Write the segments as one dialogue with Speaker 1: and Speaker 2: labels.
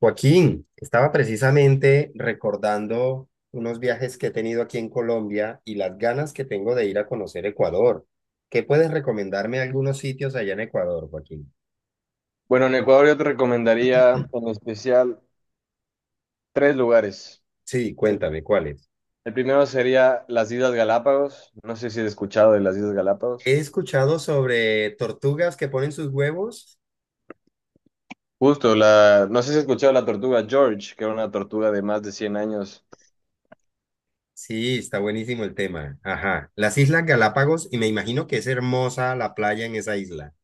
Speaker 1: Joaquín, estaba precisamente recordando unos viajes que he tenido aquí en Colombia y las ganas que tengo de ir a conocer Ecuador. ¿Qué puedes recomendarme algunos sitios allá en Ecuador, Joaquín?
Speaker 2: Bueno, en Ecuador yo te recomendaría en especial tres lugares.
Speaker 1: Sí,
Speaker 2: El,
Speaker 1: cuéntame, ¿cuáles?
Speaker 2: el primero sería las Islas Galápagos. No sé si has escuchado de las Islas
Speaker 1: He
Speaker 2: Galápagos.
Speaker 1: escuchado sobre tortugas que ponen sus huevos.
Speaker 2: Justo, no sé si has escuchado la tortuga George, que era una tortuga de más de 100 años.
Speaker 1: Sí, está buenísimo el tema. Ajá. Las Islas Galápagos, y me imagino que es hermosa la playa en esa isla.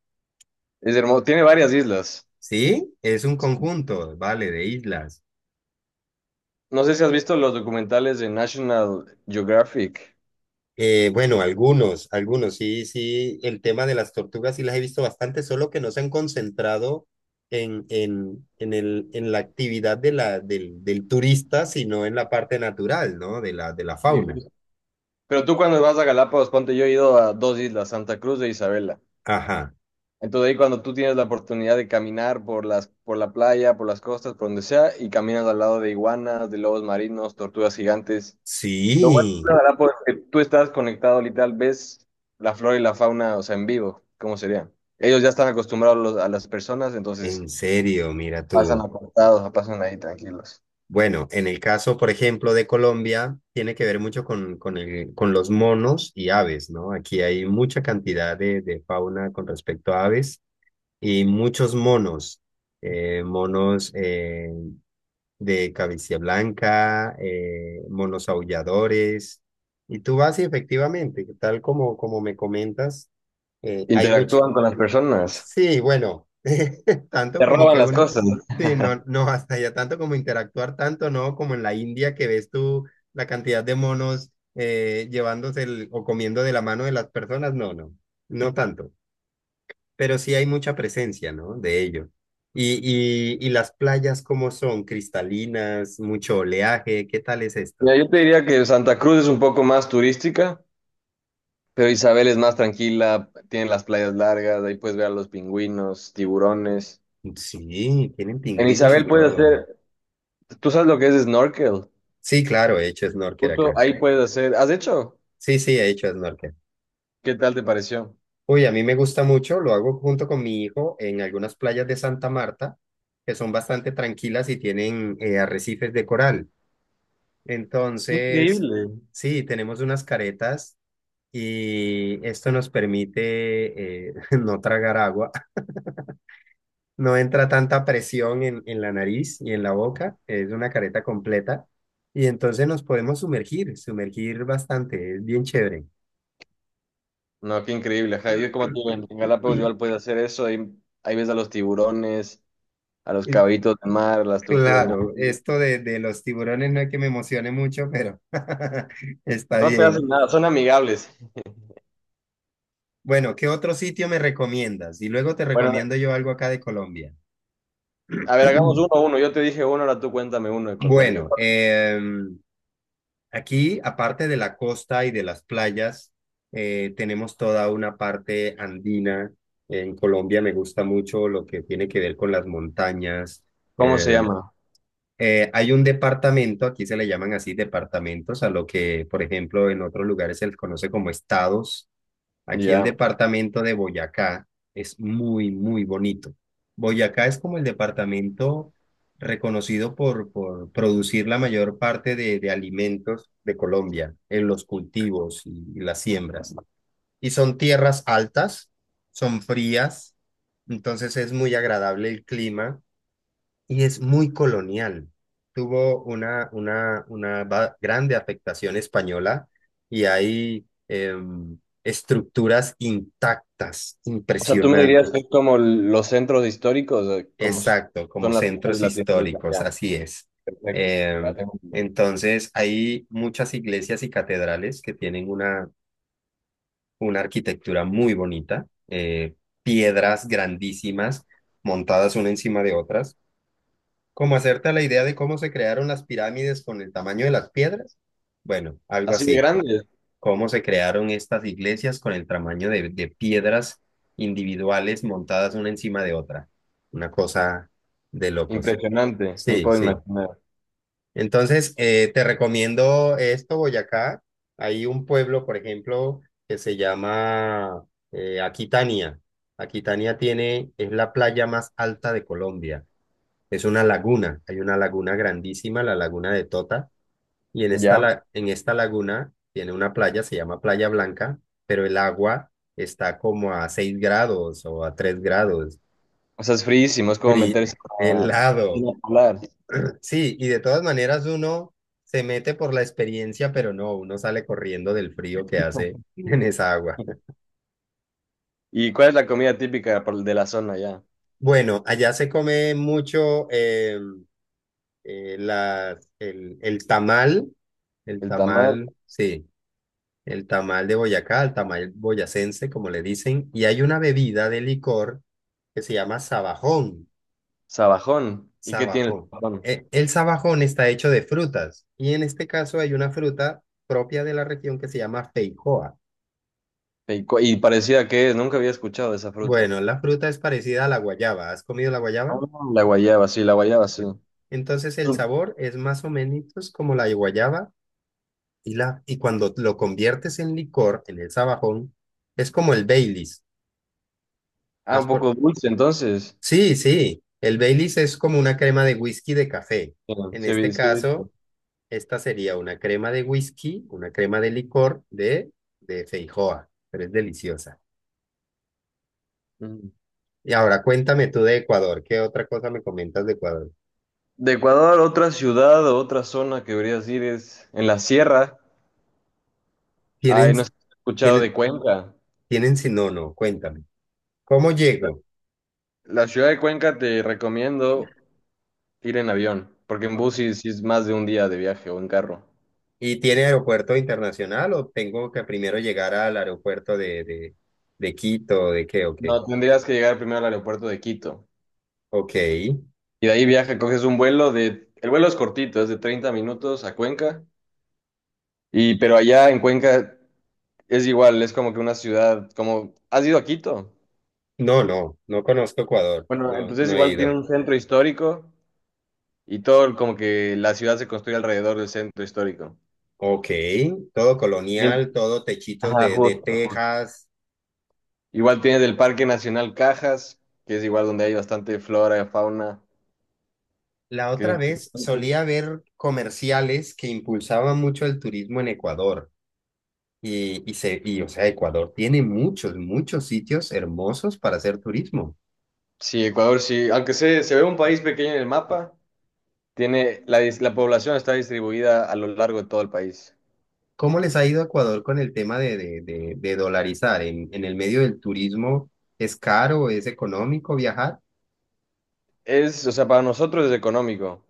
Speaker 2: Es hermoso, tiene varias islas.
Speaker 1: Sí, es un conjunto, vale, de islas.
Speaker 2: No sé si has visto los documentales de National Geographic.
Speaker 1: Bueno, algunos, sí, sí, el tema de las tortugas sí las he visto bastante, solo que no se han concentrado en la actividad del turista, sino en la parte natural, ¿no? De la
Speaker 2: Sí,
Speaker 1: fauna.
Speaker 2: justo. Pero tú cuando vas a Galápagos, ponte, yo he ido a 2 islas, Santa Cruz e Isabela.
Speaker 1: Ajá,
Speaker 2: Entonces ahí cuando tú tienes la oportunidad de caminar por por la playa, por las costas, por donde sea, y caminas al lado de iguanas, de lobos marinos, tortugas gigantes. Lo bueno
Speaker 1: sí,
Speaker 2: de la Galápagos es que tú estás conectado literal, ves la flora y la fauna, o sea, en vivo, ¿cómo sería? Ellos ya están acostumbrados los- a las personas,
Speaker 1: en
Speaker 2: entonces
Speaker 1: serio, mira
Speaker 2: pasan
Speaker 1: tú.
Speaker 2: apartados, pasan ahí tranquilos.
Speaker 1: Bueno, en el caso, por ejemplo, de Colombia, tiene que ver mucho con los monos y aves, ¿no? Aquí hay mucha cantidad de fauna con respecto a aves. Y muchos monos, monos de cabecilla blanca, monos aulladores. Y tú vas y efectivamente, tal como me comentas, hay mucho...
Speaker 2: Interactúan con las personas,
Speaker 1: Sí, bueno, tanto
Speaker 2: te
Speaker 1: como
Speaker 2: roban
Speaker 1: que
Speaker 2: las
Speaker 1: uno...
Speaker 2: cosas.
Speaker 1: Sí, no, no, hasta allá tanto como interactuar, tanto no como en la India, que ves tú la cantidad de monos llevándose el- o comiendo de la mano de las personas, no, no, no tanto, pero sí hay mucha presencia, ¿no? De ello. Y, y las playas, ¿cómo son? ¿Cristalinas, mucho oleaje, qué tal es esto?
Speaker 2: Mira, yo te diría que Santa Cruz es un poco más turística, pero Isabel es más tranquila, tiene las playas largas, ahí puedes ver a los pingüinos, tiburones.
Speaker 1: Sí, tienen
Speaker 2: En
Speaker 1: pingüinos y
Speaker 2: Isabel puedes
Speaker 1: todo.
Speaker 2: hacer, tú sabes lo que es snorkel,
Speaker 1: Sí, claro, he hecho snorkel
Speaker 2: justo
Speaker 1: acá.
Speaker 2: ahí puedes hacer, ¿has hecho?
Speaker 1: Sí, sí, he hecho snorkel.
Speaker 2: ¿Qué tal te pareció?
Speaker 1: Uy, a mí me gusta mucho, lo hago junto con mi hijo en algunas playas de Santa Marta, que son bastante tranquilas y tienen arrecifes de coral.
Speaker 2: Qué
Speaker 1: Entonces,
Speaker 2: increíble.
Speaker 1: sí, tenemos unas caretas y esto nos permite no tragar agua. No entra tanta presión en la nariz y en la boca, es una careta completa y entonces nos podemos sumergir bastante, es bien chévere.
Speaker 2: No, qué increíble, ajá, yo como tú en Galápagos igual puedes hacer eso, ahí, ahí ves a los tiburones, a los
Speaker 1: Y
Speaker 2: caballitos de mar, a las tortugas
Speaker 1: claro,
Speaker 2: marinas.
Speaker 1: esto de los tiburones no es que me emocione mucho, pero está
Speaker 2: No te hacen
Speaker 1: bien.
Speaker 2: nada, son amigables.
Speaker 1: Bueno, ¿qué otro sitio me recomiendas? Y luego te
Speaker 2: Bueno,
Speaker 1: recomiendo yo algo acá de Colombia.
Speaker 2: a ver, hagamos uno a uno, yo te dije uno, ahora tú cuéntame uno de Colombia.
Speaker 1: Bueno, aquí, aparte de la costa y de las playas, tenemos toda una parte andina. En Colombia me gusta mucho lo que tiene que ver con las montañas.
Speaker 2: ¿Cómo se
Speaker 1: Eh,
Speaker 2: llama?
Speaker 1: hay un departamento, aquí se le llaman así departamentos, a lo que, por ejemplo, en otros lugares se les conoce como estados. Aquí el
Speaker 2: Ya.
Speaker 1: departamento de Boyacá es muy, muy bonito. Boyacá es como el departamento reconocido por producir la mayor parte de alimentos de Colombia, en los cultivos y las siembras. Y son tierras altas, son frías, entonces es muy agradable el clima y es muy colonial. Tuvo una grande afectación española y hay estructuras intactas,
Speaker 2: O sea, tú me dirías
Speaker 1: impresionante.
Speaker 2: que es como los centros históricos, como
Speaker 1: Exacto, como
Speaker 2: son las ciudades
Speaker 1: centros
Speaker 2: latinoamericanas.
Speaker 1: históricos,
Speaker 2: Ya,
Speaker 1: así es.
Speaker 2: perfecto. Ya
Speaker 1: Em,
Speaker 2: tengo-
Speaker 1: entonces, hay muchas iglesias y catedrales que tienen una arquitectura muy bonita, piedras grandísimas montadas una encima de otras. Como hacerte a la idea de cómo se crearon las pirámides con el tamaño de las piedras. Bueno, algo
Speaker 2: Así de
Speaker 1: así.
Speaker 2: grande,
Speaker 1: Cómo se crearon estas iglesias con el tamaño de piedras individuales montadas una encima de otra. Una cosa de locos.
Speaker 2: impresionante, me
Speaker 1: Sí,
Speaker 2: puedo
Speaker 1: sí.
Speaker 2: imaginar.
Speaker 1: Entonces, te recomiendo esto, Boyacá. Hay un pueblo, por ejemplo, que se llama Aquitania. Aquitania tiene, es la playa más alta de Colombia. Es una laguna, hay una laguna grandísima, la laguna de Tota, y en esta,
Speaker 2: Ya.
Speaker 1: en esta laguna tiene una playa, se llama Playa Blanca, pero el agua está como a 6 grados o a 3 grados,
Speaker 2: O sea, es friísimo, es como
Speaker 1: fri-
Speaker 2: meterse a
Speaker 1: helado.
Speaker 2: piscina polar.
Speaker 1: Sí, y de todas maneras uno se mete por la experiencia, pero no, uno sale corriendo del frío que hace en esa agua.
Speaker 2: ¿Y cuál es la comida típica por- de la zona ya?
Speaker 1: Bueno, allá se come mucho eh, la- el, el tamal, el
Speaker 2: El tamal,
Speaker 1: tamal, sí. El tamal de Boyacá, el tamal boyacense, como le dicen, y hay una bebida de licor que se llama sabajón.
Speaker 2: sabajón. ¿Y qué tiene el
Speaker 1: Sabajón.
Speaker 2: sabajón?
Speaker 1: El sabajón está hecho de frutas, y en este caso hay una fruta propia de la región que se llama feijoa.
Speaker 2: ¿Y, cu- y parecida que es? Nunca había escuchado de esa fruta.
Speaker 1: Bueno, la fruta es parecida a la guayaba. ¿Has comido la
Speaker 2: Ah,
Speaker 1: guayaba?
Speaker 2: la guayaba, sí, la guayaba, sí.
Speaker 1: Bueno, entonces el sabor es más o menos como la guayaba, y, la, y cuando lo conviertes en licor, en el sabajón, es como el Baileys.
Speaker 2: Ah,
Speaker 1: ¿Has
Speaker 2: un
Speaker 1: por
Speaker 2: poco dulce, entonces.
Speaker 1: sí, sí, el Baileys es como una crema de whisky de café. En este
Speaker 2: Sí, sí, sí.
Speaker 1: caso, esta sería una crema de whisky, una crema de licor de feijoa, pero es deliciosa.
Speaker 2: Mm.
Speaker 1: Y ahora cuéntame tú de Ecuador, ¿qué otra cosa me comentas de Ecuador?
Speaker 2: De Ecuador, otra ciudad o otra zona que deberías ir es en la sierra.
Speaker 1: ¿Tienen,
Speaker 2: Ay, no sé si has escuchado de
Speaker 1: tienen,
Speaker 2: Cuenca.
Speaker 1: si no, no, cuéntame. ¿Cómo llego?
Speaker 2: La ciudad de Cuenca te recomiendo ir en avión, porque en bus sí es más de un día de viaje o en carro.
Speaker 1: ¿Y tiene aeropuerto internacional o tengo que primero llegar al aeropuerto de Quito, de qué, o qué?
Speaker 2: No, tendrías que llegar primero al aeropuerto de Quito.
Speaker 1: Ok,
Speaker 2: Y de ahí viaja, coges un vuelo de... El vuelo es cortito, es de 30 minutos a Cuenca. Y pero allá en Cuenca es igual, es como que una ciudad, como... ¿Has ido a Quito?
Speaker 1: no, no, no conozco Ecuador,
Speaker 2: Bueno,
Speaker 1: no,
Speaker 2: entonces
Speaker 1: no he
Speaker 2: igual tiene
Speaker 1: ido.
Speaker 2: un centro histórico y todo como que la ciudad se construye alrededor del centro histórico.
Speaker 1: Ok, todo
Speaker 2: Bien.
Speaker 1: colonial, todo techitos
Speaker 2: Ajá,
Speaker 1: de
Speaker 2: justo, justo.
Speaker 1: tejas.
Speaker 2: Igual tienes el Parque Nacional Cajas, que es igual donde hay bastante flora y fauna,
Speaker 1: La
Speaker 2: que es
Speaker 1: otra vez
Speaker 2: interesante.
Speaker 1: solía ver comerciales que impulsaban mucho el turismo en Ecuador. O sea, Ecuador tiene muchos, muchos sitios hermosos para hacer turismo.
Speaker 2: Sí, Ecuador sí, aunque se ve un país pequeño en el mapa, tiene la, dis- la población está distribuida a lo largo de todo el país.
Speaker 1: ¿Cómo les ha ido a Ecuador con el tema de dolarizar? En el medio del turismo es caro, es económico viajar?
Speaker 2: Es, o sea, para nosotros es económico,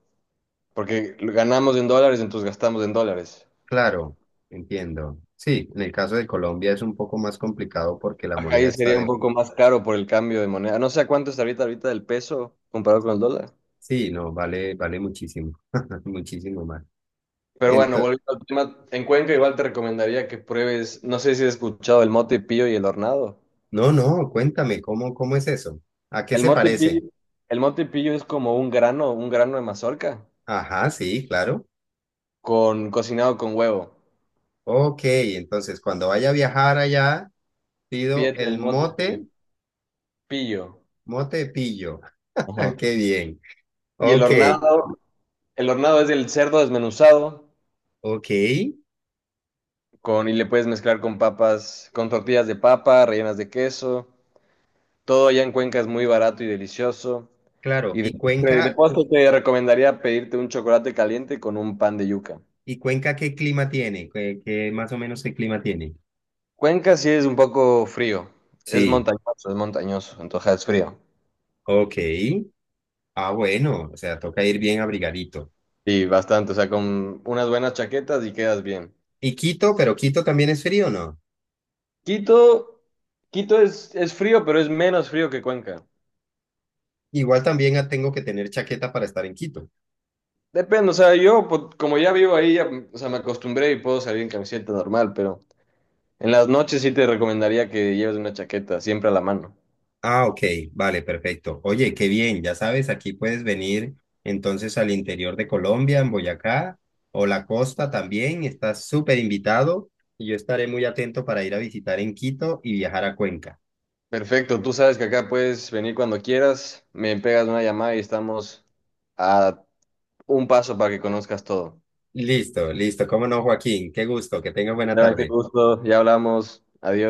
Speaker 2: porque ganamos en dólares, entonces gastamos en dólares.
Speaker 1: Claro, entiendo. Sí, en el caso de Colombia es un poco más complicado porque la
Speaker 2: Acá
Speaker 1: moneda
Speaker 2: ahí
Speaker 1: está...
Speaker 2: sería un poco más caro por el cambio de moneda. No sé a cuánto está ahorita el peso comparado con el dólar.
Speaker 1: Sí, no, vale, vale muchísimo, muchísimo más.
Speaker 2: Pero bueno,
Speaker 1: Ento-
Speaker 2: volviendo al tema, en Cuenca igual te recomendaría que pruebes, no sé si has escuchado el mote pillo y el hornado.
Speaker 1: no, no, cuéntame, ¿cómo, cómo es eso? ¿A qué
Speaker 2: El
Speaker 1: se
Speaker 2: mote
Speaker 1: parece?
Speaker 2: pillo, el mote pillo es como un grano de mazorca
Speaker 1: Ajá, sí, claro.
Speaker 2: con cocinado con huevo.
Speaker 1: Ok, entonces cuando vaya a viajar allá, pido
Speaker 2: Pídete el
Speaker 1: el
Speaker 2: mote pillo,
Speaker 1: mote,
Speaker 2: pillo.
Speaker 1: mote de pillo.
Speaker 2: Ajá.
Speaker 1: Qué bien.
Speaker 2: Y
Speaker 1: Ok,
Speaker 2: el hornado es el cerdo desmenuzado
Speaker 1: ok,
Speaker 2: con y le puedes mezclar con papas, con tortillas de papa, rellenas de queso. Todo allá en Cuenca es muy barato y delicioso.
Speaker 1: claro.
Speaker 2: Y
Speaker 1: ¿Y
Speaker 2: de
Speaker 1: Cuenca,
Speaker 2: postre
Speaker 1: cu-
Speaker 2: te recomendaría pedirte un chocolate caliente con un pan de yuca.
Speaker 1: y Cuenca qué clima tiene? ¿Qué, qué más o menos qué clima tiene?
Speaker 2: Cuenca sí es un poco frío, es
Speaker 1: Sí,
Speaker 2: montañoso, es montañoso, entonces es frío.
Speaker 1: ok. Ah, bueno, o sea, toca ir bien abrigadito.
Speaker 2: Y bastante, o sea, con unas buenas chaquetas y quedas bien.
Speaker 1: ¿Y Quito, pero Quito también es frío, ¿no?
Speaker 2: Quito, Quito es frío, pero es menos frío que Cuenca.
Speaker 1: Igual también ah, tengo que tener chaqueta para estar en Quito.
Speaker 2: Depende, o sea, yo po- como ya vivo ahí, ya, o sea, me acostumbré y puedo salir en camiseta normal, pero en las noches sí te recomendaría que lleves una chaqueta, siempre a la mano.
Speaker 1: Ah, ok, vale, perfecto. Oye, qué bien, ya sabes, aquí puedes venir entonces al interior de Colombia, en Boyacá o la costa también, estás súper invitado y yo estaré muy atento para ir a visitar en Quito y viajar a Cuenca.
Speaker 2: Perfecto, tú sabes que acá puedes venir cuando quieras, me pegas una llamada y estamos a un paso para que conozcas todo.
Speaker 1: Listo, listo, cómo no, Joaquín, qué gusto, que tengas buena
Speaker 2: Esteban, qué
Speaker 1: tarde.
Speaker 2: gusto. Ya hablamos. Adiós.